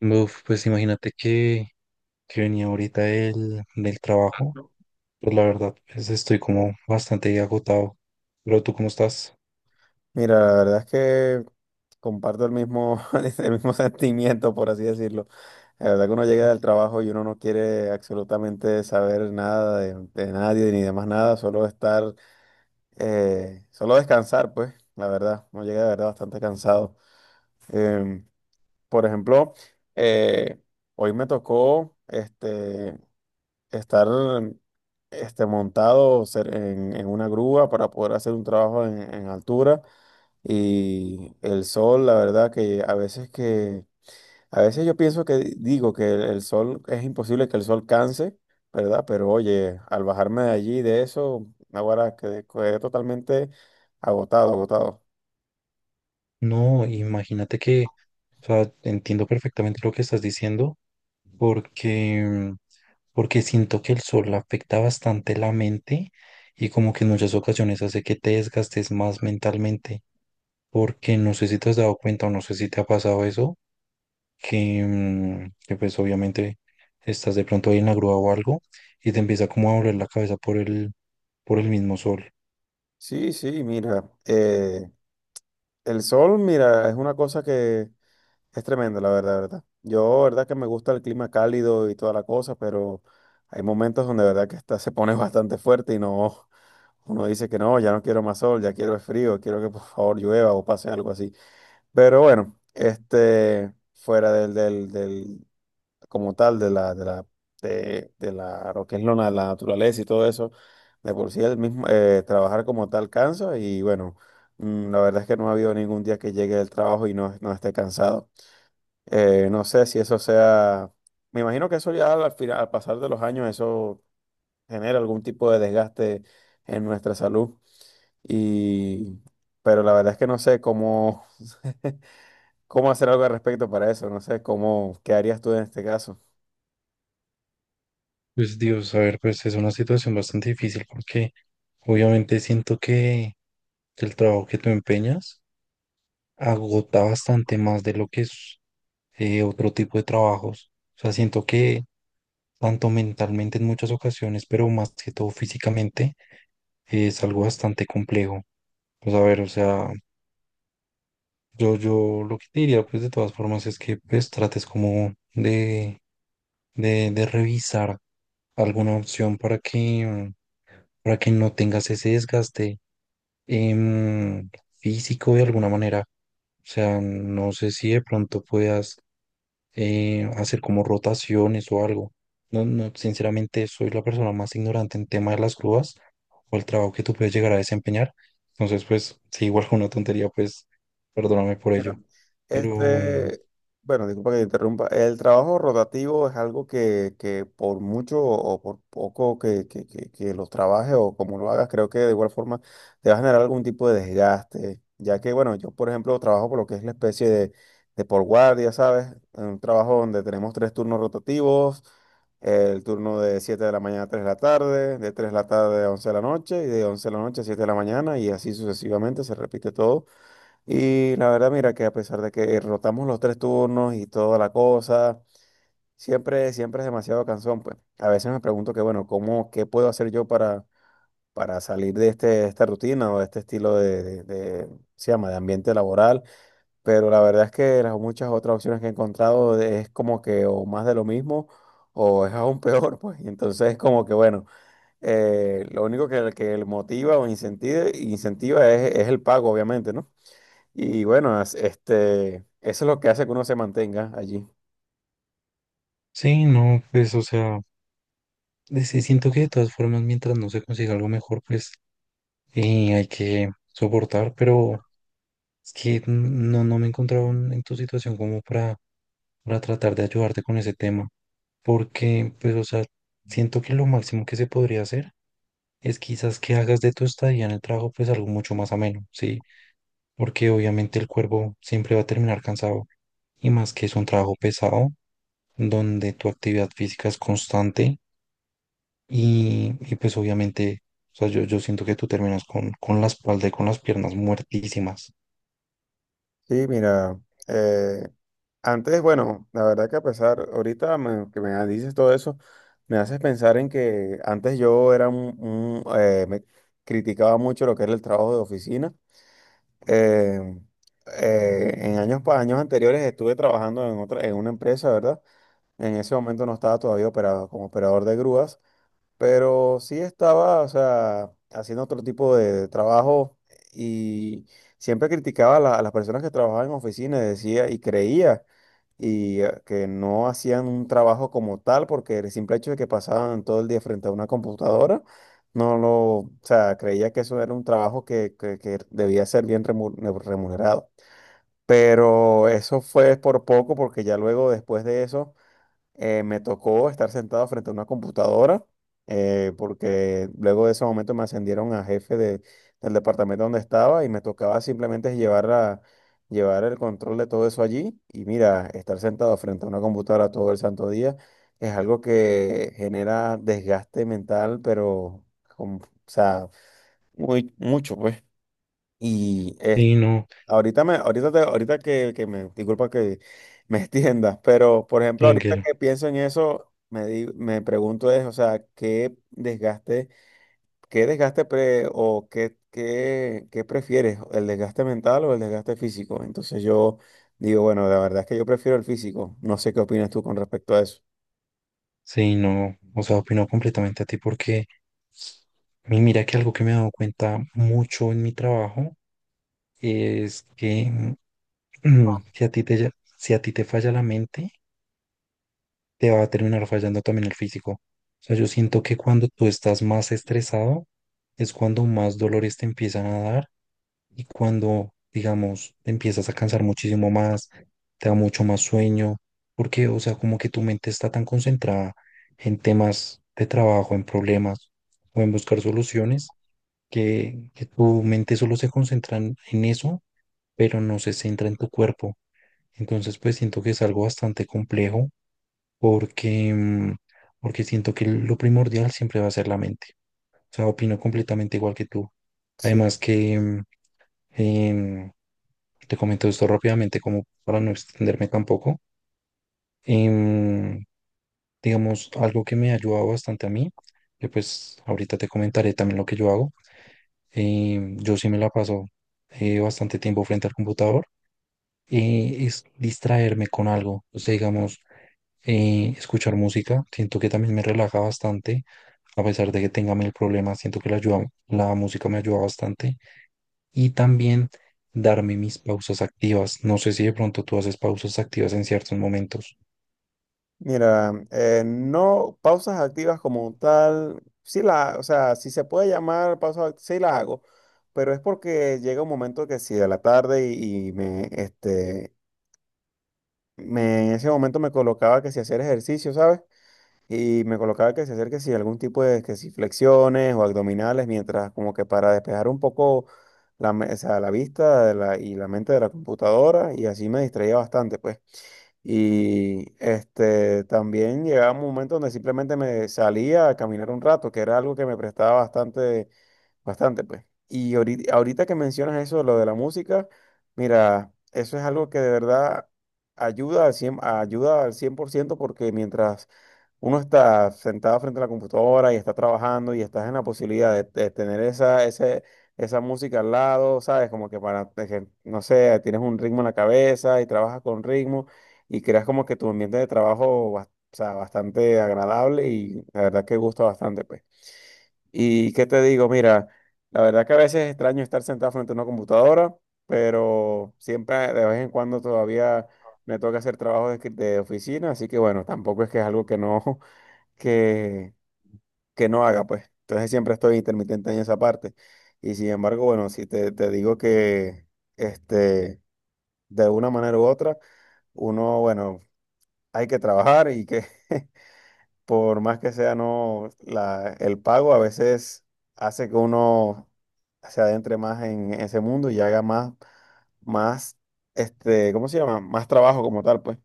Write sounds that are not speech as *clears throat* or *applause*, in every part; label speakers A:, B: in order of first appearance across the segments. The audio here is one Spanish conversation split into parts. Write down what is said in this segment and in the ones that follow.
A: Uf, pues imagínate que venía ahorita del trabajo. Pues la verdad, pues estoy como bastante agotado. Pero ¿tú cómo estás?
B: Mira, la verdad es que comparto el mismo, *laughs* el mismo sentimiento, por así decirlo. La verdad que uno llega
A: Ujú.
B: del trabajo y uno no quiere absolutamente saber nada de nadie ni de más nada, solo estar, solo descansar, pues, la verdad. Uno llega de verdad bastante cansado. Em, por ejemplo, eh, hoy me tocó estar en una grúa para poder hacer un trabajo en altura. Y el sol, la verdad que a veces yo pienso que digo que el sol, es imposible que el sol canse, ¿verdad? Pero oye, al bajarme de allí, de eso, ahora quedé totalmente agotado, agotado.
A: No, imagínate que, o sea, entiendo perfectamente lo que estás diciendo porque, porque siento que el sol afecta bastante la mente y como que en muchas ocasiones hace que te desgastes más mentalmente, porque no sé si te has dado cuenta o no sé si te ha pasado eso, que pues obviamente estás de pronto ahí en la grúa o algo y te empieza como a doler la cabeza por el mismo sol.
B: Sí, sí, mira, el sol, mira, es una cosa que es tremenda, la verdad, verdad. Yo, verdad que me gusta el clima cálido y toda la cosa, pero hay momentos donde, verdad que está, se pone *laughs* bastante fuerte y no. Uno dice que no, ya no quiero más sol, ya quiero es frío, quiero que por favor llueva o pase algo así. Pero bueno, fuera como tal, de la, de la, de la, lo que es la naturaleza y todo eso, de por sí el mismo, trabajar como tal cansa y bueno, la verdad es que no ha habido ningún día que llegue del trabajo y no esté cansado. No sé si eso sea, me imagino que eso ya al final, al pasar de los años, eso genera algún tipo de desgaste en nuestra salud. Y, pero la verdad es que no sé cómo, *laughs* cómo hacer algo al respecto para eso. No sé cómo, ¿qué harías tú en este caso?
A: Pues Dios, a ver, pues es una situación bastante difícil porque obviamente siento que el trabajo que tú empeñas agota bastante más de lo que es otro tipo de trabajos. O sea, siento que tanto mentalmente en muchas ocasiones, pero más que todo físicamente, es algo bastante complejo. Pues a ver, o sea, yo lo que te diría, pues de todas formas, es que pues trates como de, de revisar alguna opción para que no tengas ese desgaste em, físico de alguna manera. O sea, no sé si de pronto puedas hacer como rotaciones o algo. No, no, sinceramente soy la persona más ignorante en tema de las grúas o el trabajo que tú puedes llegar a desempeñar. Entonces, pues, si igual fue una tontería, pues, perdóname por
B: Mira,
A: ello. Pero
B: este, bueno, disculpa que te interrumpa. El trabajo rotativo es algo que por mucho o por poco que lo trabajes o como lo hagas, creo que de igual forma te va a generar algún tipo de desgaste. Ya que, bueno, yo por ejemplo trabajo por lo que es la especie de por guardia, ¿sabes? En un trabajo donde tenemos tres turnos rotativos, el turno de 7 de la mañana a 3 de la tarde, de 3 de la tarde a 11 de la noche y de 11 de la noche a 7 de la mañana y así sucesivamente se repite todo y la verdad, mira que a pesar de que rotamos los tres turnos y toda la cosa, siempre, siempre es demasiado cansón, pues. A veces me pregunto que, bueno, ¿cómo, qué puedo hacer yo para salir de esta rutina o de este estilo se llama, de ambiente laboral? Pero la verdad es que las muchas otras opciones que he encontrado es como que o más de lo mismo o es aún *laughs* peor, pues. Y entonces como que, bueno, lo único que motiva o incentiva es el pago, obviamente, ¿no? Y bueno, eso es lo que hace que uno se mantenga allí.
A: sí, no, pues, o sea, sí, siento que de todas formas, mientras no se consiga algo mejor, pues, hay que soportar, pero es que no, no me encontraba en tu situación como para tratar de ayudarte con ese tema, porque, pues, o sea, siento que lo máximo que se podría hacer es quizás que hagas de tu estadía en el trabajo, pues, algo mucho más ameno, ¿sí? Porque obviamente el cuerpo siempre va a terminar cansado, y más que es un trabajo pesado, donde tu actividad física es constante, y, pues, obviamente, o sea, yo siento que tú terminas con la espalda y con las piernas muertísimas.
B: Sí, mira, eh, antes, bueno, la verdad que a pesar, que me dices todo eso, me haces pensar en que antes yo era me criticaba mucho lo que era el trabajo de oficina. Eh, en años, años anteriores estuve trabajando en en una empresa, ¿verdad? En ese momento no estaba todavía operado como operador de grúas. Pero sí estaba, o sea, haciendo otro tipo de trabajo y siempre criticaba a las personas que trabajaban en oficinas, decía y creía y que no hacían un trabajo como tal porque el simple hecho de que pasaban todo el día frente a una computadora, no lo, o sea, creía que eso era un trabajo que debía ser remunerado. Pero eso fue por poco porque ya luego después de eso me tocó estar sentado frente a una computadora, porque luego de ese momento me ascendieron a del departamento donde estaba y me tocaba simplemente llevar el control de todo eso allí. Y mira, estar sentado frente a una computadora todo el santo día es algo que genera desgaste mental, pero, o sea, mucho, pues. Y
A: Sí, no,
B: Ahorita que me, disculpa que me *laughs* extiendas, pero por ejemplo, ahorita
A: tranquilo.
B: que pienso en eso, me pregunto es, o sea, ¿qué desgaste qué prefieres, el desgaste mental o el desgaste físico? Entonces yo digo, bueno, la verdad es que yo prefiero el físico. No sé qué opinas tú con respecto a eso.
A: Sí, no, o sea, opino completamente a ti porque mira que algo que me he dado cuenta mucho en mi trabajo es que *clears throat* si a ti te, ya- si a ti te falla la mente, te va a terminar fallando también el físico. O sea, yo siento que cuando tú estás más estresado es cuando más dolores te empiezan a dar y cuando, digamos, te empiezas a cansar muchísimo más, te da mucho más sueño, porque, o sea, como que tu mente está tan concentrada en temas de trabajo, en problemas o en buscar soluciones, que tu mente solo se concentra en eso, pero no se centra en tu cuerpo. Entonces, pues siento que es algo bastante complejo porque, porque siento que lo primordial siempre va a ser la mente. O sea, opino completamente igual que tú. Además que em, te comento esto rápidamente como para no extenderme tampoco. Em, digamos, algo que me ha ayudado bastante a mí, que pues ahorita te comentaré también lo que yo hago. Yo sí me la paso bastante tiempo frente al computador y es distraerme con algo. O sea, digamos, escuchar música. Siento que también me relaja bastante, a pesar de que tenga mil problemas. Siento que la música me ayuda bastante. Y también darme mis pausas activas. No sé si de pronto tú haces pausas activas en ciertos momentos.
B: Mira, no pausas activas como tal, sí la, o sea, si se puede llamar sí la hago, pero es porque llega un momento que si de la tarde y me, en ese momento me colocaba que si hacer ejercicio, ¿sabes? Y me colocaba que si hacer que si algún tipo de, que si flexiones o abdominales, mientras como que para despejar un poco o sea, la vista de la- y la mente de la computadora y así me distraía bastante, pues. Y este, también llegaba un momento donde simplemente me salía a caminar un rato, que era algo que me prestaba bastante bastante, pues. Y ahorita que mencionas eso, lo de la música, mira, eso es algo que de verdad ayuda al 100% porque mientras uno está sentado frente a la computadora y está trabajando y estás en la posibilidad de tener esa música al lado, ¿sabes? Como que para, de que, no sé, tienes un ritmo en la cabeza y trabajas con ritmo y creas como que tu ambiente de trabajo, o sea, bastante agradable y la verdad que gusta bastante, pues. Y qué te digo, mira, la verdad que a veces es extraño estar sentado frente a una computadora, pero siempre de vez en cuando todavía me toca hacer trabajo de oficina, así que bueno, tampoco es que es algo que no, *laughs* que, que no haga, pues. Entonces siempre estoy intermitente en esa parte. Y sin embargo, bueno, si te digo que este, de una manera u otra, uno, bueno, hay que trabajar y que *laughs* por más que sea no la, el pago, a veces hace que uno se adentre más en ese mundo y haga más, más, ¿cómo se llama? Más trabajo como tal, pues.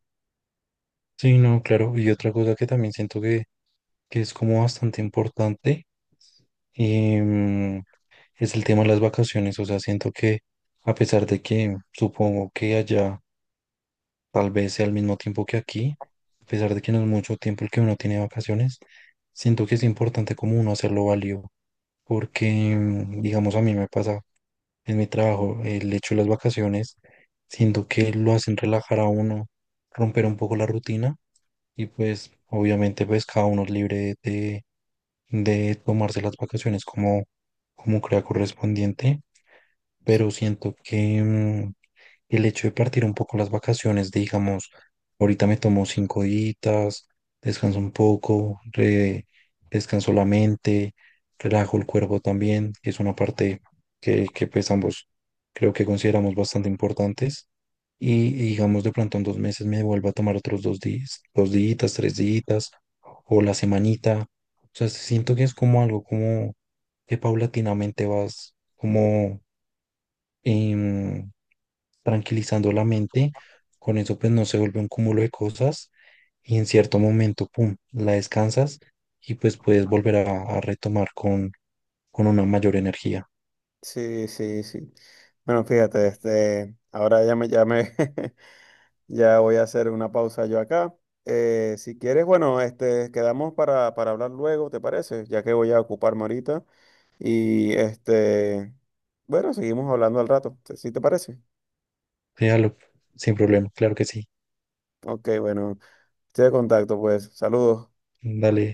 A: Sí, no, claro. Y otra cosa que también siento que es como bastante importante, em, es el tema de las vacaciones. O sea, siento que a pesar de que supongo que allá tal vez sea al mismo tiempo que aquí, a pesar de que no es mucho tiempo el que uno tiene de vacaciones, siento que es importante como uno hacerlo válido. Porque, digamos, a mí me pasa en mi trabajo, el hecho de las vacaciones, siento que lo hacen relajar a uno, romper un poco la rutina y pues obviamente pues cada uno es libre de tomarse las vacaciones como, como crea correspondiente, pero siento que, el hecho de partir un poco las vacaciones, de, digamos, ahorita me tomo 5 días, descanso un poco, descanso la mente, relajo el cuerpo también, que es una parte que pues ambos creo que consideramos bastante importantes. Y digamos, de pronto en 2 meses me vuelvo a tomar otros dos días, 3 días, o la semanita. O sea, siento que es como algo como que paulatinamente vas como em, tranquilizando la mente, con eso pues no se vuelve un cúmulo de cosas y en cierto momento, pum, la descansas y pues puedes volver a retomar con una mayor energía.
B: Sí, sí, sí. Bueno, fíjate, ahora ya me, *laughs* ya voy a hacer una pausa yo acá. Si quieres, bueno, quedamos para hablar luego, ¿te parece? Ya que voy a ocuparme ahorita. Y este, bueno, seguimos hablando al rato, ¿sí te parece?
A: Déjalo, sin problema, claro que sí.
B: Ok, bueno. Estoy de contacto, pues. Saludos.
A: Dale.